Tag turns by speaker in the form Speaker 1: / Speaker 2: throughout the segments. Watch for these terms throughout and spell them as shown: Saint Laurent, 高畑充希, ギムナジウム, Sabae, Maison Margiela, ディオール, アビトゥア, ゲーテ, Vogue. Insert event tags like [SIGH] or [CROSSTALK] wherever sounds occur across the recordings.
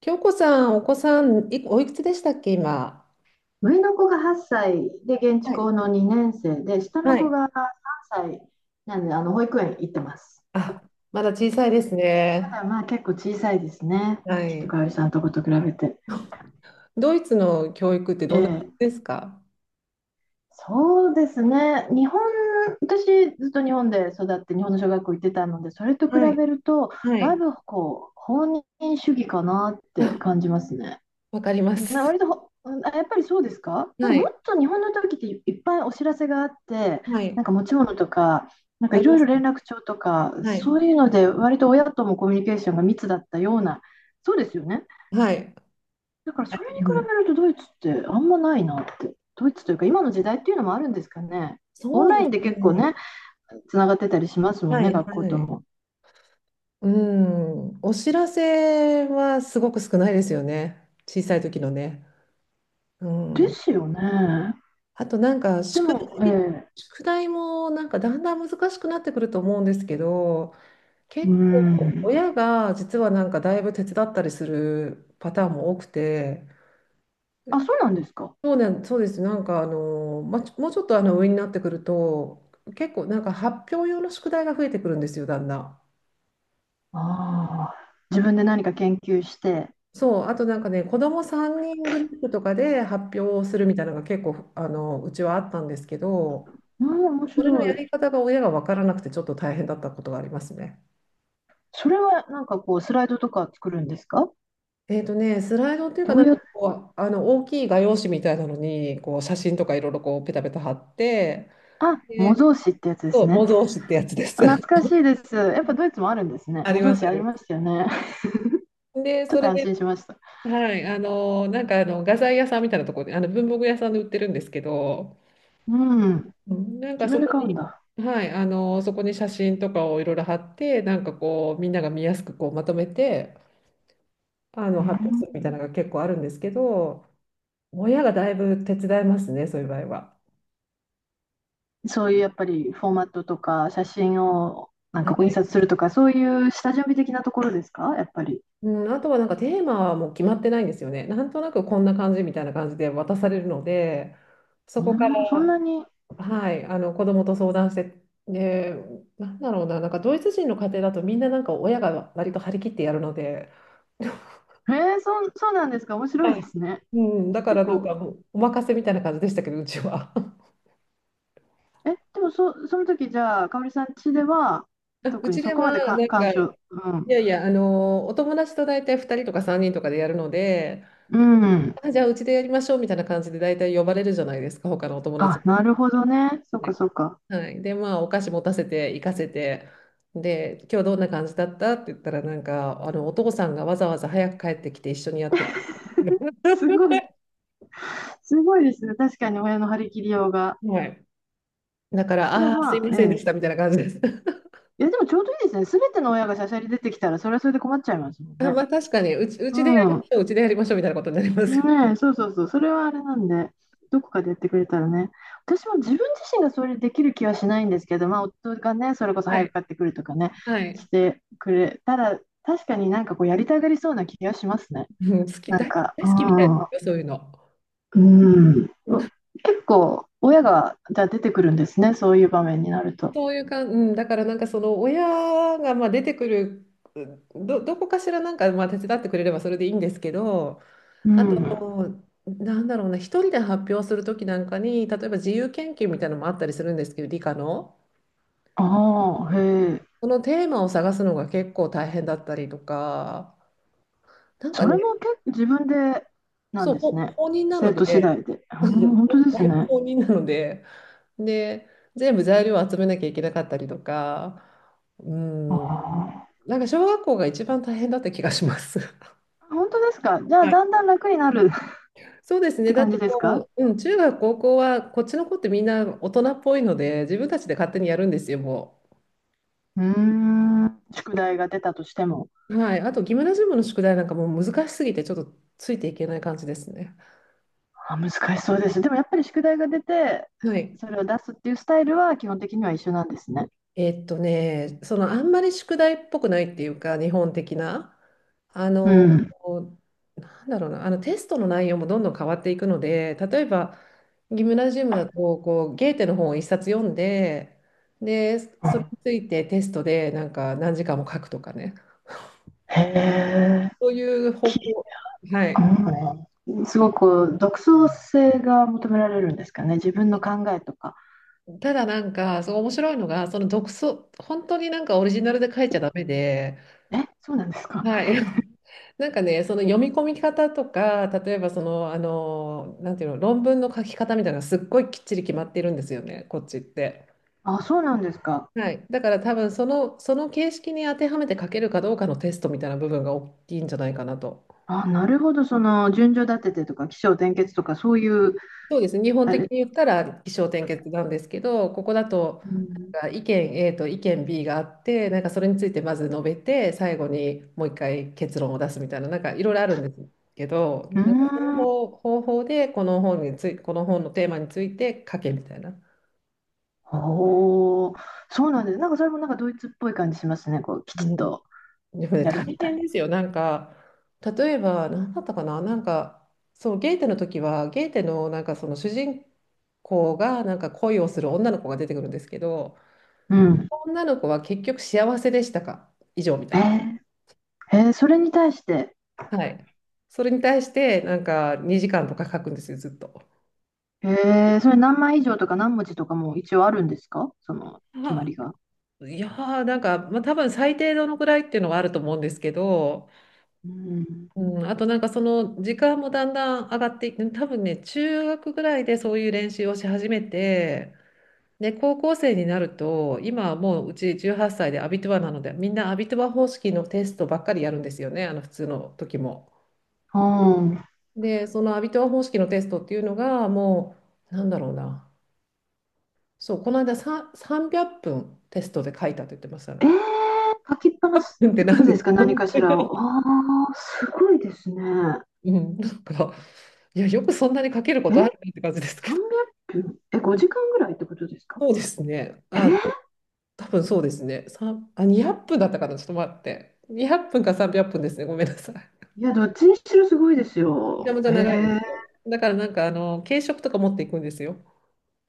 Speaker 1: 京子さん、お子さん、おいくつでしたっけ、今。
Speaker 2: 上の子が8歳で現地
Speaker 1: は
Speaker 2: 校
Speaker 1: い。
Speaker 2: の2年生で、下
Speaker 1: は
Speaker 2: の子
Speaker 1: い。
Speaker 2: が3歳なんで、保育園行ってます。
Speaker 1: あ、まだ小さいです
Speaker 2: ま
Speaker 1: ね。
Speaker 2: だまあ結構小さいですね。
Speaker 1: は
Speaker 2: きっと
Speaker 1: い。
Speaker 2: かおりさんとこと比べて。
Speaker 1: ドイツの教育って
Speaker 2: え
Speaker 1: どんな感
Speaker 2: え、
Speaker 1: じですか？
Speaker 2: そうですね。私ずっと日本で育って日本の小学校行ってたので、それと比
Speaker 1: はい。
Speaker 2: べると、
Speaker 1: は
Speaker 2: だい
Speaker 1: い。
Speaker 2: ぶ放任主義かなって
Speaker 1: あ、
Speaker 2: 感じますね。
Speaker 1: わかりま
Speaker 2: まあ、
Speaker 1: す。
Speaker 2: 割とほ、うんあやっぱりそうですか？
Speaker 1: は
Speaker 2: も
Speaker 1: い。
Speaker 2: っと日本の時っていいっぱいお知らせがあって、
Speaker 1: はい。
Speaker 2: 持ち物とか、
Speaker 1: あ
Speaker 2: い
Speaker 1: り
Speaker 2: ろ
Speaker 1: ま
Speaker 2: いろ
Speaker 1: す
Speaker 2: 連
Speaker 1: ね。
Speaker 2: 絡帳とか、
Speaker 1: は
Speaker 2: そ
Speaker 1: い。
Speaker 2: ういうので割と親ともコミュニケーションが密だったような、そうですよね。
Speaker 1: はい。
Speaker 2: だからそれに
Speaker 1: うん、
Speaker 2: 比べるとドイツってあんまないなって、ドイツというか今の時代っていうのもあるんですかね。オン
Speaker 1: そう
Speaker 2: ラ
Speaker 1: で
Speaker 2: イ
Speaker 1: す
Speaker 2: ンで結構
Speaker 1: ね。
Speaker 2: ね、つながってたりしますもん
Speaker 1: は
Speaker 2: ね、
Speaker 1: い。
Speaker 2: 学校
Speaker 1: は
Speaker 2: と
Speaker 1: い。
Speaker 2: も。
Speaker 1: うん。お知らせはすごく少ないですよね。小さい時のね。う
Speaker 2: で
Speaker 1: ん。
Speaker 2: すよね。
Speaker 1: あとなんか
Speaker 2: でも、え
Speaker 1: 題、
Speaker 2: え、
Speaker 1: 宿題もなんかだんだん難しくなってくると思うんですけど、
Speaker 2: うー
Speaker 1: 結構
Speaker 2: ん。
Speaker 1: 親が実はなんかだいぶ手伝ったりするパターンも多くて、
Speaker 2: あ、そうなんですか。
Speaker 1: そうね、そうです。なんかあの、ま、もうちょっとあの上になってくると、結構なんか発表用の宿題が増えてくるんですよ、だんだん。
Speaker 2: ああ、自分で何か研究して、
Speaker 1: そう、あとなんかね、子供3人グループとかで発表をするみたいなのが結構あのうちはあったんですけど、
Speaker 2: うん、面
Speaker 1: それの
Speaker 2: 白
Speaker 1: や
Speaker 2: い。
Speaker 1: り方が親が分からなくてちょっと大変だったことがありますね。
Speaker 2: それはスライドとか作るんですか？
Speaker 1: えっとね、スライドっていうか、
Speaker 2: どう
Speaker 1: なん
Speaker 2: やっ
Speaker 1: かこう、あの大きい画用紙みたいなのに、こう写真とかいろいろこうペタペタ貼って、
Speaker 2: あ、模
Speaker 1: で、
Speaker 2: 造紙ってやつで
Speaker 1: そ
Speaker 2: す
Speaker 1: う、
Speaker 2: ね。
Speaker 1: 模造紙ってやつです。
Speaker 2: 懐かし
Speaker 1: [LAUGHS]
Speaker 2: いです。やっぱドイツもあるんですね。
Speaker 1: あ
Speaker 2: 模
Speaker 1: り
Speaker 2: 造
Speaker 1: ます、
Speaker 2: 紙
Speaker 1: あ
Speaker 2: あ
Speaker 1: り
Speaker 2: り
Speaker 1: ま
Speaker 2: ましたよね。[LAUGHS]
Speaker 1: す。で、
Speaker 2: ちょっ
Speaker 1: そ
Speaker 2: と
Speaker 1: れ
Speaker 2: 安
Speaker 1: で、
Speaker 2: 心しました。
Speaker 1: はい、あの、なんかあの画材屋さんみたいなところで、あの文房具屋さんで売ってるんですけど、
Speaker 2: うん、
Speaker 1: うんなんか
Speaker 2: 自
Speaker 1: そ
Speaker 2: 分で
Speaker 1: こ
Speaker 2: 買うん
Speaker 1: に、
Speaker 2: だ。
Speaker 1: はい、あの、そこに写真とかをいろいろ貼って、なんかこう、みんなが見やすくこうまとめて、あ
Speaker 2: う
Speaker 1: の発表するみ
Speaker 2: ん、
Speaker 1: たいなのが結構あるんですけど、親がだいぶ手伝いますね、そういう場合は。
Speaker 2: そういうやっぱりフォーマットとか写真を
Speaker 1: は
Speaker 2: 印
Speaker 1: い。
Speaker 2: 刷するとかそういう下準備的なところですかやっぱり？
Speaker 1: うん、あとはなんかテーマはもう決まってないんですよね。なんとなくこんな感じみたいな感じで渡されるので、そこか
Speaker 2: うん、そんな
Speaker 1: ら、
Speaker 2: に。
Speaker 1: はい、あの子供と相談して、で、なんだろうな、なんかドイツ人の家庭だとみんななんか親が割と張り切ってやるので、
Speaker 2: そうなんですか？面白い
Speaker 1: は
Speaker 2: で
Speaker 1: い、
Speaker 2: すね。
Speaker 1: うん、だか
Speaker 2: 結
Speaker 1: らなん
Speaker 2: 構、
Speaker 1: かもうお任せみたいな感じでしたけど、うちは。
Speaker 2: でもその時じゃあ、かおりさん家では、
Speaker 1: [LAUGHS] う
Speaker 2: 特に
Speaker 1: ち
Speaker 2: そ
Speaker 1: で
Speaker 2: こま
Speaker 1: は
Speaker 2: で
Speaker 1: なん
Speaker 2: 干
Speaker 1: か、い
Speaker 2: 渉、うん。
Speaker 1: やいや、あのお友達と大体2人とか3人とかでやるので、
Speaker 2: うん。
Speaker 1: あ、じゃあうちでやりましょうみたいな感じで大体呼ばれるじゃないですか、他のお友達
Speaker 2: あ、
Speaker 1: も。
Speaker 2: なるほどね。そっかそっか。
Speaker 1: はい。で、まあ、お菓子持たせて、行かせて、で、今日どんな感じだったって言ったら、なんか、あの、お父さんがわざわざ早く帰ってきて一緒にやってくれ
Speaker 2: すご
Speaker 1: た。
Speaker 2: い、すごいですね。確かに親の張り切りようが。
Speaker 1: [LAUGHS] はい。だから、
Speaker 2: で
Speaker 1: あ
Speaker 2: も
Speaker 1: あー、
Speaker 2: ま
Speaker 1: すい
Speaker 2: あ、
Speaker 1: ま
Speaker 2: え
Speaker 1: せんでし
Speaker 2: え。
Speaker 1: た、みたいな感じです。[LAUGHS]
Speaker 2: いや、でもちょうどいいですね。すべての親がしゃしゃり出てきたら、それはそれで困っちゃいますもん
Speaker 1: あ、
Speaker 2: ね。
Speaker 1: まあ、確かに、うちでやりま
Speaker 2: うん。
Speaker 1: しょう、うちでやりましょう、みたいなことになります。
Speaker 2: ねえ、そうそうそう、それはあれなんで、どこかでやってくれたらね、私も自分自身がそれできる気はしないんですけど、まあ、夫がね、それこ
Speaker 1: [LAUGHS]
Speaker 2: そ
Speaker 1: は
Speaker 2: 早
Speaker 1: い。
Speaker 2: く買ってくるとかね、
Speaker 1: はい。
Speaker 2: してくれたら、確かにやりたがりそうな気がしますね。
Speaker 1: うん、好き、大、
Speaker 2: う
Speaker 1: 大好きみたいな、そういうの。
Speaker 2: ん、うん、結構、親が、じゃあ出てくるんですね、そういう場面になると。
Speaker 1: そういうか、うん、だからなんかその親がまあ出てくる、どこかしらなんかまあ手伝ってくれればそれでいいんですけど、
Speaker 2: う
Speaker 1: あ
Speaker 2: ん、
Speaker 1: と、なんだろうな、一人で発表するときなんかに、例えば自由研究みたいなのもあったりするんですけど、理科の。
Speaker 2: ああ、へえ、
Speaker 1: そのテーマを探すのが結構大変だったりとか、なんか
Speaker 2: それ
Speaker 1: ね、
Speaker 2: も結構自分でなん
Speaker 1: そう、
Speaker 2: です
Speaker 1: ほ
Speaker 2: ね、
Speaker 1: 放任なの
Speaker 2: 生徒次
Speaker 1: で、
Speaker 2: 第で。うん、
Speaker 1: [LAUGHS]
Speaker 2: 本当で
Speaker 1: だ
Speaker 2: す
Speaker 1: いぶ
Speaker 2: ね。
Speaker 1: 放任なので、で、全部材料を集めなきゃいけなかったりとか、う
Speaker 2: あ
Speaker 1: ん、
Speaker 2: あ。
Speaker 1: なんか小学校が一番大変だった気がします。
Speaker 2: 本当ですか。じゃあ、だん
Speaker 1: [LAUGHS]
Speaker 2: だん楽になる [LAUGHS] っ
Speaker 1: そうですね。
Speaker 2: て
Speaker 1: だっ
Speaker 2: 感
Speaker 1: て
Speaker 2: じですか？
Speaker 1: もう、うん、中学、高校は、こっちの子ってみんな大人っぽいので、自分たちで勝手にやるんですよ、も
Speaker 2: うーん、宿題が出たとしても。
Speaker 1: う。はい。あと、ギムナジウムの宿題なんかもう難しすぎて、ちょっとついていけない感じですね。
Speaker 2: あ、難しそうです。でもやっぱり宿題が出て、
Speaker 1: はい。
Speaker 2: それを出すっていうスタイルは基本的には一緒なんですね。
Speaker 1: えっとね、そのあんまり宿題っぽくないっていうか、日本的な、あ
Speaker 2: う
Speaker 1: の、
Speaker 2: ん。
Speaker 1: なんだろうな、あのテストの内容もどんどん変わっていくので、例えば、ギムナジウムだと、こう、ゲーテの本を一冊読んで、で、それについてテストでなんか何時間も書くとかね、
Speaker 2: へえ、
Speaker 1: そういう方
Speaker 2: き、
Speaker 1: 向、はい。
Speaker 2: うん、すごく独創性が求められるんですかね。自分の考えとか。
Speaker 1: ただなんか、そう面白いのが、その独創、本当になんかオリジナルで書いちゃダメで、
Speaker 2: え、そうなんですか？
Speaker 1: はい。[LAUGHS] なんかね、その読み込み方とか、例えばその、あの、なんていうの、論文の書き方みたいなのがすっごいきっちり決まっているんですよね、こっちって。
Speaker 2: あ、そうなんですか？
Speaker 1: はい。だから多分その形式に当てはめて書けるかどうかのテストみたいな部分が大きいんじゃないかなと。
Speaker 2: あ、なるほど。その順序立ててとか、起承転結とか、そういう、
Speaker 1: そうですね。日本
Speaker 2: あ
Speaker 1: 的
Speaker 2: れ。
Speaker 1: に言ったら起承転結なんですけど、ここだと
Speaker 2: うん。
Speaker 1: が意見 A と意見 B があって、なんかそれについてまず述べて、最後にもう一回結論を出すみたいな、なんかいろいろあるんですけど、
Speaker 2: うー
Speaker 1: なんか
Speaker 2: ん、
Speaker 1: 方法でこの本のテーマについて書けみたいな。
Speaker 2: おー、そうなんです。それもドイツっぽい感じしますね。きち
Speaker 1: う
Speaker 2: っ
Speaker 1: ん、
Speaker 2: と
Speaker 1: でもね、
Speaker 2: や
Speaker 1: 大
Speaker 2: るみた
Speaker 1: 変
Speaker 2: い
Speaker 1: ですよ。なんか、例えば、何だったかな、なんか、そう、ゲーテの時は、ゲーテのなんかその主人公がなんか恋をする女の子が出てくるんですけど、
Speaker 2: な。うん。
Speaker 1: 女の子は結局幸せでしたか？以上みたいな。
Speaker 2: えそれに対して、
Speaker 1: はい。それに対して、なんか2時間とか書くんですよ、ずっと。
Speaker 2: えそれ何枚以上とか何文字とかも一応あるんですかその
Speaker 1: [LAUGHS]
Speaker 2: 決ま
Speaker 1: あ、
Speaker 2: りが？
Speaker 1: いやー、なんか、まあ、多分最低どのくらいっていうのはあると思うんですけど、
Speaker 2: うん。
Speaker 1: うん、あとなんかその時間もだんだん上がっていって、多分ね、中学ぐらいでそういう練習をし始めて、で、高校生になると、今はもううち18歳でアビトゥアなので、みんなアビトゥア方式のテストばっかりやるんですよね、あの普通の時も。
Speaker 2: うん。
Speaker 1: で、そのアビトゥア方式のテストっていうのが、もう、なんだろうな。そう、この間さ300分テストで書いたと言ってましたね。
Speaker 2: えー、書きっぱなしっ
Speaker 1: 300分っぷんって
Speaker 2: てこと
Speaker 1: 何
Speaker 2: ですか？何かし
Speaker 1: で
Speaker 2: ら
Speaker 1: すか？
Speaker 2: を。ああ、すごいですね。
Speaker 1: [LAUGHS] うん、なんか、いや、よくそんなに書けるこ
Speaker 2: え？
Speaker 1: とあるねって感じですけど。
Speaker 2: 300 分、え、5時間ぐらいってことですか？
Speaker 1: そうですね。
Speaker 2: えー
Speaker 1: あ、多分そうですね。3、あ、200分だったかな。ちょっと待って。200分か300分ですね。ごめんなさい。
Speaker 2: いや、どっちにしろすごいです
Speaker 1: めちゃ
Speaker 2: よ。
Speaker 1: めちゃ長いですよ。だからなんか、あの、軽食とか持っていくんですよ。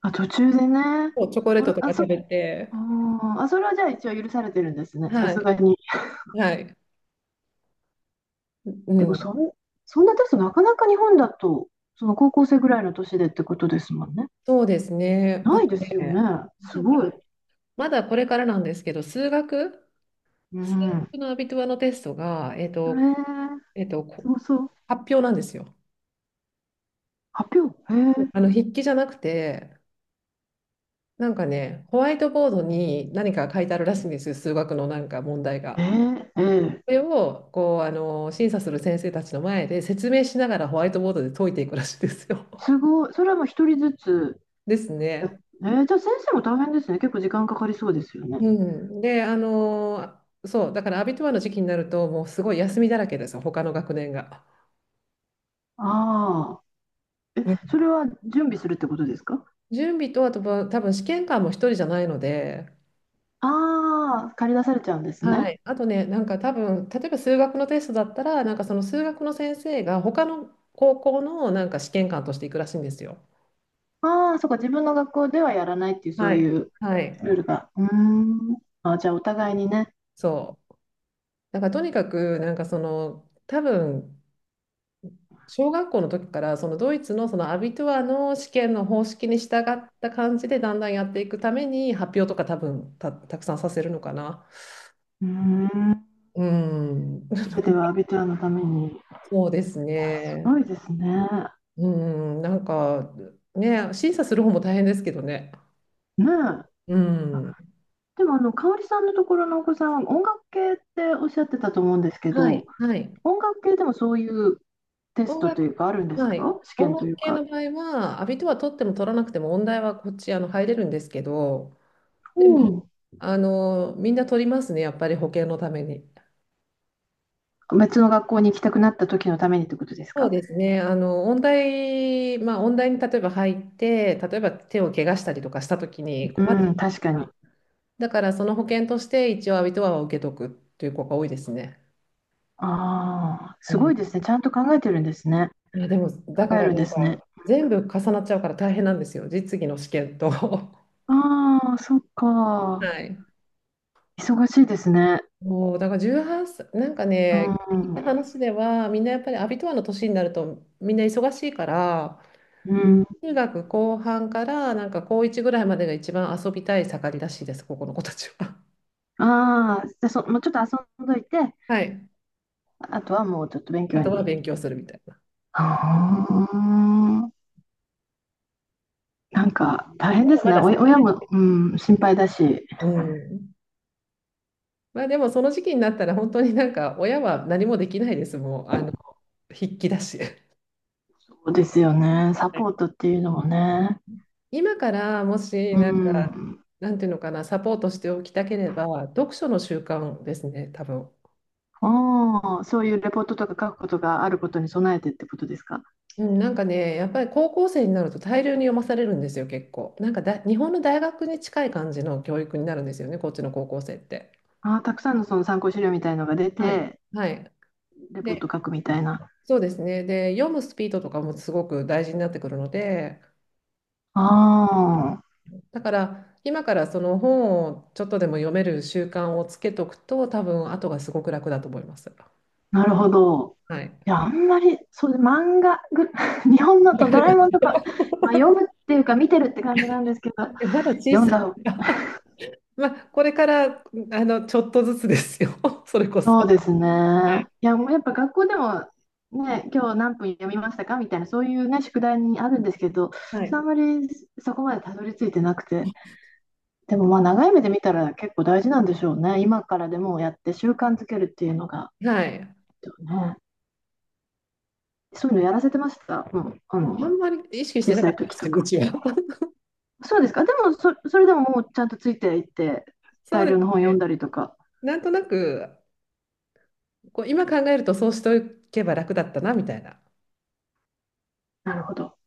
Speaker 2: あ、途中でね。
Speaker 1: そう、チョコレー
Speaker 2: お、
Speaker 1: トとか
Speaker 2: あ、
Speaker 1: 食べて。
Speaker 2: あそれはじゃあ一応許されてるんですね、さ
Speaker 1: は
Speaker 2: す
Speaker 1: い。
Speaker 2: がに。
Speaker 1: はい。う
Speaker 2: でも
Speaker 1: ん。
Speaker 2: そんなテストなかなか日本だと、その高校生ぐらいの年でってことですもんね。
Speaker 1: そうですね。あ
Speaker 2: ない
Speaker 1: と
Speaker 2: ですよ
Speaker 1: ね、
Speaker 2: ね。
Speaker 1: な
Speaker 2: す
Speaker 1: んか
Speaker 2: ご
Speaker 1: な
Speaker 2: い。
Speaker 1: まだこれからなんですけど、数学
Speaker 2: う
Speaker 1: 数
Speaker 2: ん。
Speaker 1: 学のアビトゥアのテストが、えっ
Speaker 2: え
Speaker 1: と、えっと、
Speaker 2: す
Speaker 1: こ
Speaker 2: ごそう。
Speaker 1: 発表なんですよ。
Speaker 2: 発表。へえ。
Speaker 1: あの筆記じゃなくて、なんかね、ホワイトボードに何か書いてあるらしいんですよ、数学のなんか問題が。
Speaker 2: ええ、
Speaker 1: それをこうあの審査する先生たちの前で説明しながらホワイトボードで解いていくらしいですよ。
Speaker 2: すごい。それはもう一人ずつ
Speaker 1: [LAUGHS] です
Speaker 2: やっ。
Speaker 1: ね。
Speaker 2: じゃあ先生も大変ですね。結構時間かかりそうですよね。
Speaker 1: うん、で、あの、そう、だからアビトゥアの時期になると、もうすごい休みだらけですよ、他の学年が。
Speaker 2: ああ。え、
Speaker 1: う
Speaker 2: そ
Speaker 1: ん。
Speaker 2: れは準備するってことですか？
Speaker 1: 準備と、あとは多分試験官も一人じゃないので、
Speaker 2: ああー、借り出されちゃうんです
Speaker 1: は
Speaker 2: ね。
Speaker 1: い、あとね、なんか多分、例えば数学のテストだったら、なんかその数学の先生が他の高校のなんか試験官として行くらしいんですよ。
Speaker 2: ああ、そうか、自分の学校ではやらないっていう、そ
Speaker 1: は
Speaker 2: うい
Speaker 1: い。
Speaker 2: う
Speaker 1: はい。
Speaker 2: ルールが。うーん。あ、じゃあ、お互いにね。
Speaker 1: そう。だからとにかく、なんかその、多分、小学校の時から、そのドイツのそのアビトゥアの試験の方式に従った感じで、だんだんやっていくために、発表とか多分たくさんさせるのかな。
Speaker 2: うーん。
Speaker 1: うん。
Speaker 2: すべては
Speaker 1: [LAUGHS]
Speaker 2: アビトラのために。い
Speaker 1: そうです
Speaker 2: や、すご
Speaker 1: ね。
Speaker 2: いですね。
Speaker 1: うん。なんか、ね、審査する方も大変ですけどね。
Speaker 2: ねえ。
Speaker 1: う
Speaker 2: あ、
Speaker 1: ん。
Speaker 2: でも、香織さんのところのお子さんは音楽系っておっしゃってたと思うんですけ
Speaker 1: はい、
Speaker 2: ど、
Speaker 1: はい。
Speaker 2: 音楽系でもそういうテス
Speaker 1: 音
Speaker 2: トと
Speaker 1: 楽、
Speaker 2: いうか、あるんです
Speaker 1: は
Speaker 2: か、
Speaker 1: い。
Speaker 2: 試
Speaker 1: 音
Speaker 2: 験
Speaker 1: 楽
Speaker 2: という
Speaker 1: 系の
Speaker 2: か？
Speaker 1: 場合は、アビとは取っても取らなくても、音大はこっちあの入れるんですけど、
Speaker 2: う
Speaker 1: でも、
Speaker 2: ん、
Speaker 1: あの、みんな取りますね、やっぱり保険のために。
Speaker 2: 別の学校に行きたくなった時のためにってことです
Speaker 1: そう
Speaker 2: か？
Speaker 1: ですね、あの、音大、まあ、音大に例えば入って、例えば手を怪我したりとかしたときに困っち
Speaker 2: う
Speaker 1: ゃ
Speaker 2: ん、
Speaker 1: う
Speaker 2: 確か
Speaker 1: か
Speaker 2: に。
Speaker 1: ら。だから、その保険として一応アビトアは受けとくっていう子が多いですね。
Speaker 2: ああ、
Speaker 1: う
Speaker 2: すご
Speaker 1: ん。
Speaker 2: いですね。ちゃんと考えてるんですね。
Speaker 1: いや、でも、だ
Speaker 2: 考
Speaker 1: か
Speaker 2: え
Speaker 1: ら
Speaker 2: るん
Speaker 1: な
Speaker 2: で
Speaker 1: ん
Speaker 2: すね。
Speaker 1: か、全部重なっちゃうから大変なんですよ、実技の試験と。[LAUGHS]
Speaker 2: ああ、そっ
Speaker 1: は
Speaker 2: か。
Speaker 1: い。
Speaker 2: 忙しいですね。
Speaker 1: もうだから18歳、なんかね、
Speaker 2: う
Speaker 1: 聞いた
Speaker 2: ん。
Speaker 1: 話では、みんなやっぱりアビトアの年になると、みんな忙しいから、
Speaker 2: うん。
Speaker 1: 中学後半から、なんか高1ぐらいまでが一番遊びたい盛りらしいです、ここの子たちは。
Speaker 2: ああ、じゃあもうちょっと遊んどいて、
Speaker 1: [LAUGHS] はい。
Speaker 2: あとはもうちょっと勉
Speaker 1: あ
Speaker 2: 強
Speaker 1: とは
Speaker 2: に。
Speaker 1: 勉強するみたいな。
Speaker 2: ああ、大変
Speaker 1: ま
Speaker 2: で
Speaker 1: だ
Speaker 2: す
Speaker 1: ま
Speaker 2: ね。
Speaker 1: だ。
Speaker 2: 親も、うん、心配だし。
Speaker 1: うん。まあでも、その時期になったら、本当になんか、親は何もできないです、もう、あの、筆記だし。は
Speaker 2: そうですよね。サポー
Speaker 1: い。
Speaker 2: トっていうのもね。
Speaker 1: 今からもし、
Speaker 2: う
Speaker 1: なんか、
Speaker 2: ん。
Speaker 1: なんていうのかな、サポートしておきたければ、読書の習慣ですね、多分。
Speaker 2: ああ、そういうレポートとか書くことがあることに備えてってことですか。
Speaker 1: うん、なんかね、やっぱり高校生になると大量に読まされるんですよ、結構。なんかだ、日本の大学に近い感じの教育になるんですよね、こっちの高校生って。
Speaker 2: ああ、たくさんのその参考資料みたいのが出
Speaker 1: はい。
Speaker 2: て、
Speaker 1: はい。
Speaker 2: レポート
Speaker 1: で、
Speaker 2: 書くみたいな。
Speaker 1: そうですね。で、読むスピードとかもすごく大事になってくるので、
Speaker 2: あ、
Speaker 1: だから今からその本をちょっとでも読める習慣をつけとくと、多分後がすごく楽だと思います。
Speaker 2: なるほど。
Speaker 1: はい。
Speaker 2: いや、あんまり、そうで、漫画ぐ、[LAUGHS] 日本の
Speaker 1: [LAUGHS] わ
Speaker 2: と
Speaker 1: か
Speaker 2: ド
Speaker 1: り
Speaker 2: ラ
Speaker 1: ま
Speaker 2: え
Speaker 1: す
Speaker 2: もんと
Speaker 1: よ。
Speaker 2: か、
Speaker 1: だ
Speaker 2: まあ、読むっていうか見てるって感じなんですけど、
Speaker 1: ってまだ小
Speaker 2: 読ん
Speaker 1: さ
Speaker 2: だ方、
Speaker 1: いから。[LAUGHS] まあ、これからあのちょっとずつですよ、[LAUGHS] それこそ。
Speaker 2: そうです
Speaker 1: はい。
Speaker 2: ね。いや、もうやっぱ学校でも、ね、今日何分読みましたかみたいな、そういうね、宿題にあるんですけど、
Speaker 1: はい。
Speaker 2: あんまりそこまでたどり着いてなくて、でもまあ長い目で見たら結構大事なんでしょうね。今からでもやって習慣づけるっていうのが、
Speaker 1: はい。
Speaker 2: ね、そういうのやらせてました。もう、
Speaker 1: あんまり意識して
Speaker 2: 小
Speaker 1: なか
Speaker 2: さ
Speaker 1: っ
Speaker 2: い
Speaker 1: たで
Speaker 2: 時
Speaker 1: すけ
Speaker 2: と
Speaker 1: ど、う
Speaker 2: か。
Speaker 1: ちは。[LAUGHS]
Speaker 2: そうですか。でも、それでももうちゃんとついていって、
Speaker 1: そう
Speaker 2: 大
Speaker 1: で
Speaker 2: 量の本
Speaker 1: す。
Speaker 2: 読んだりとか。
Speaker 1: なんとなく、こう今考えるとそうしておけば楽だったなみたいな。
Speaker 2: なるほど。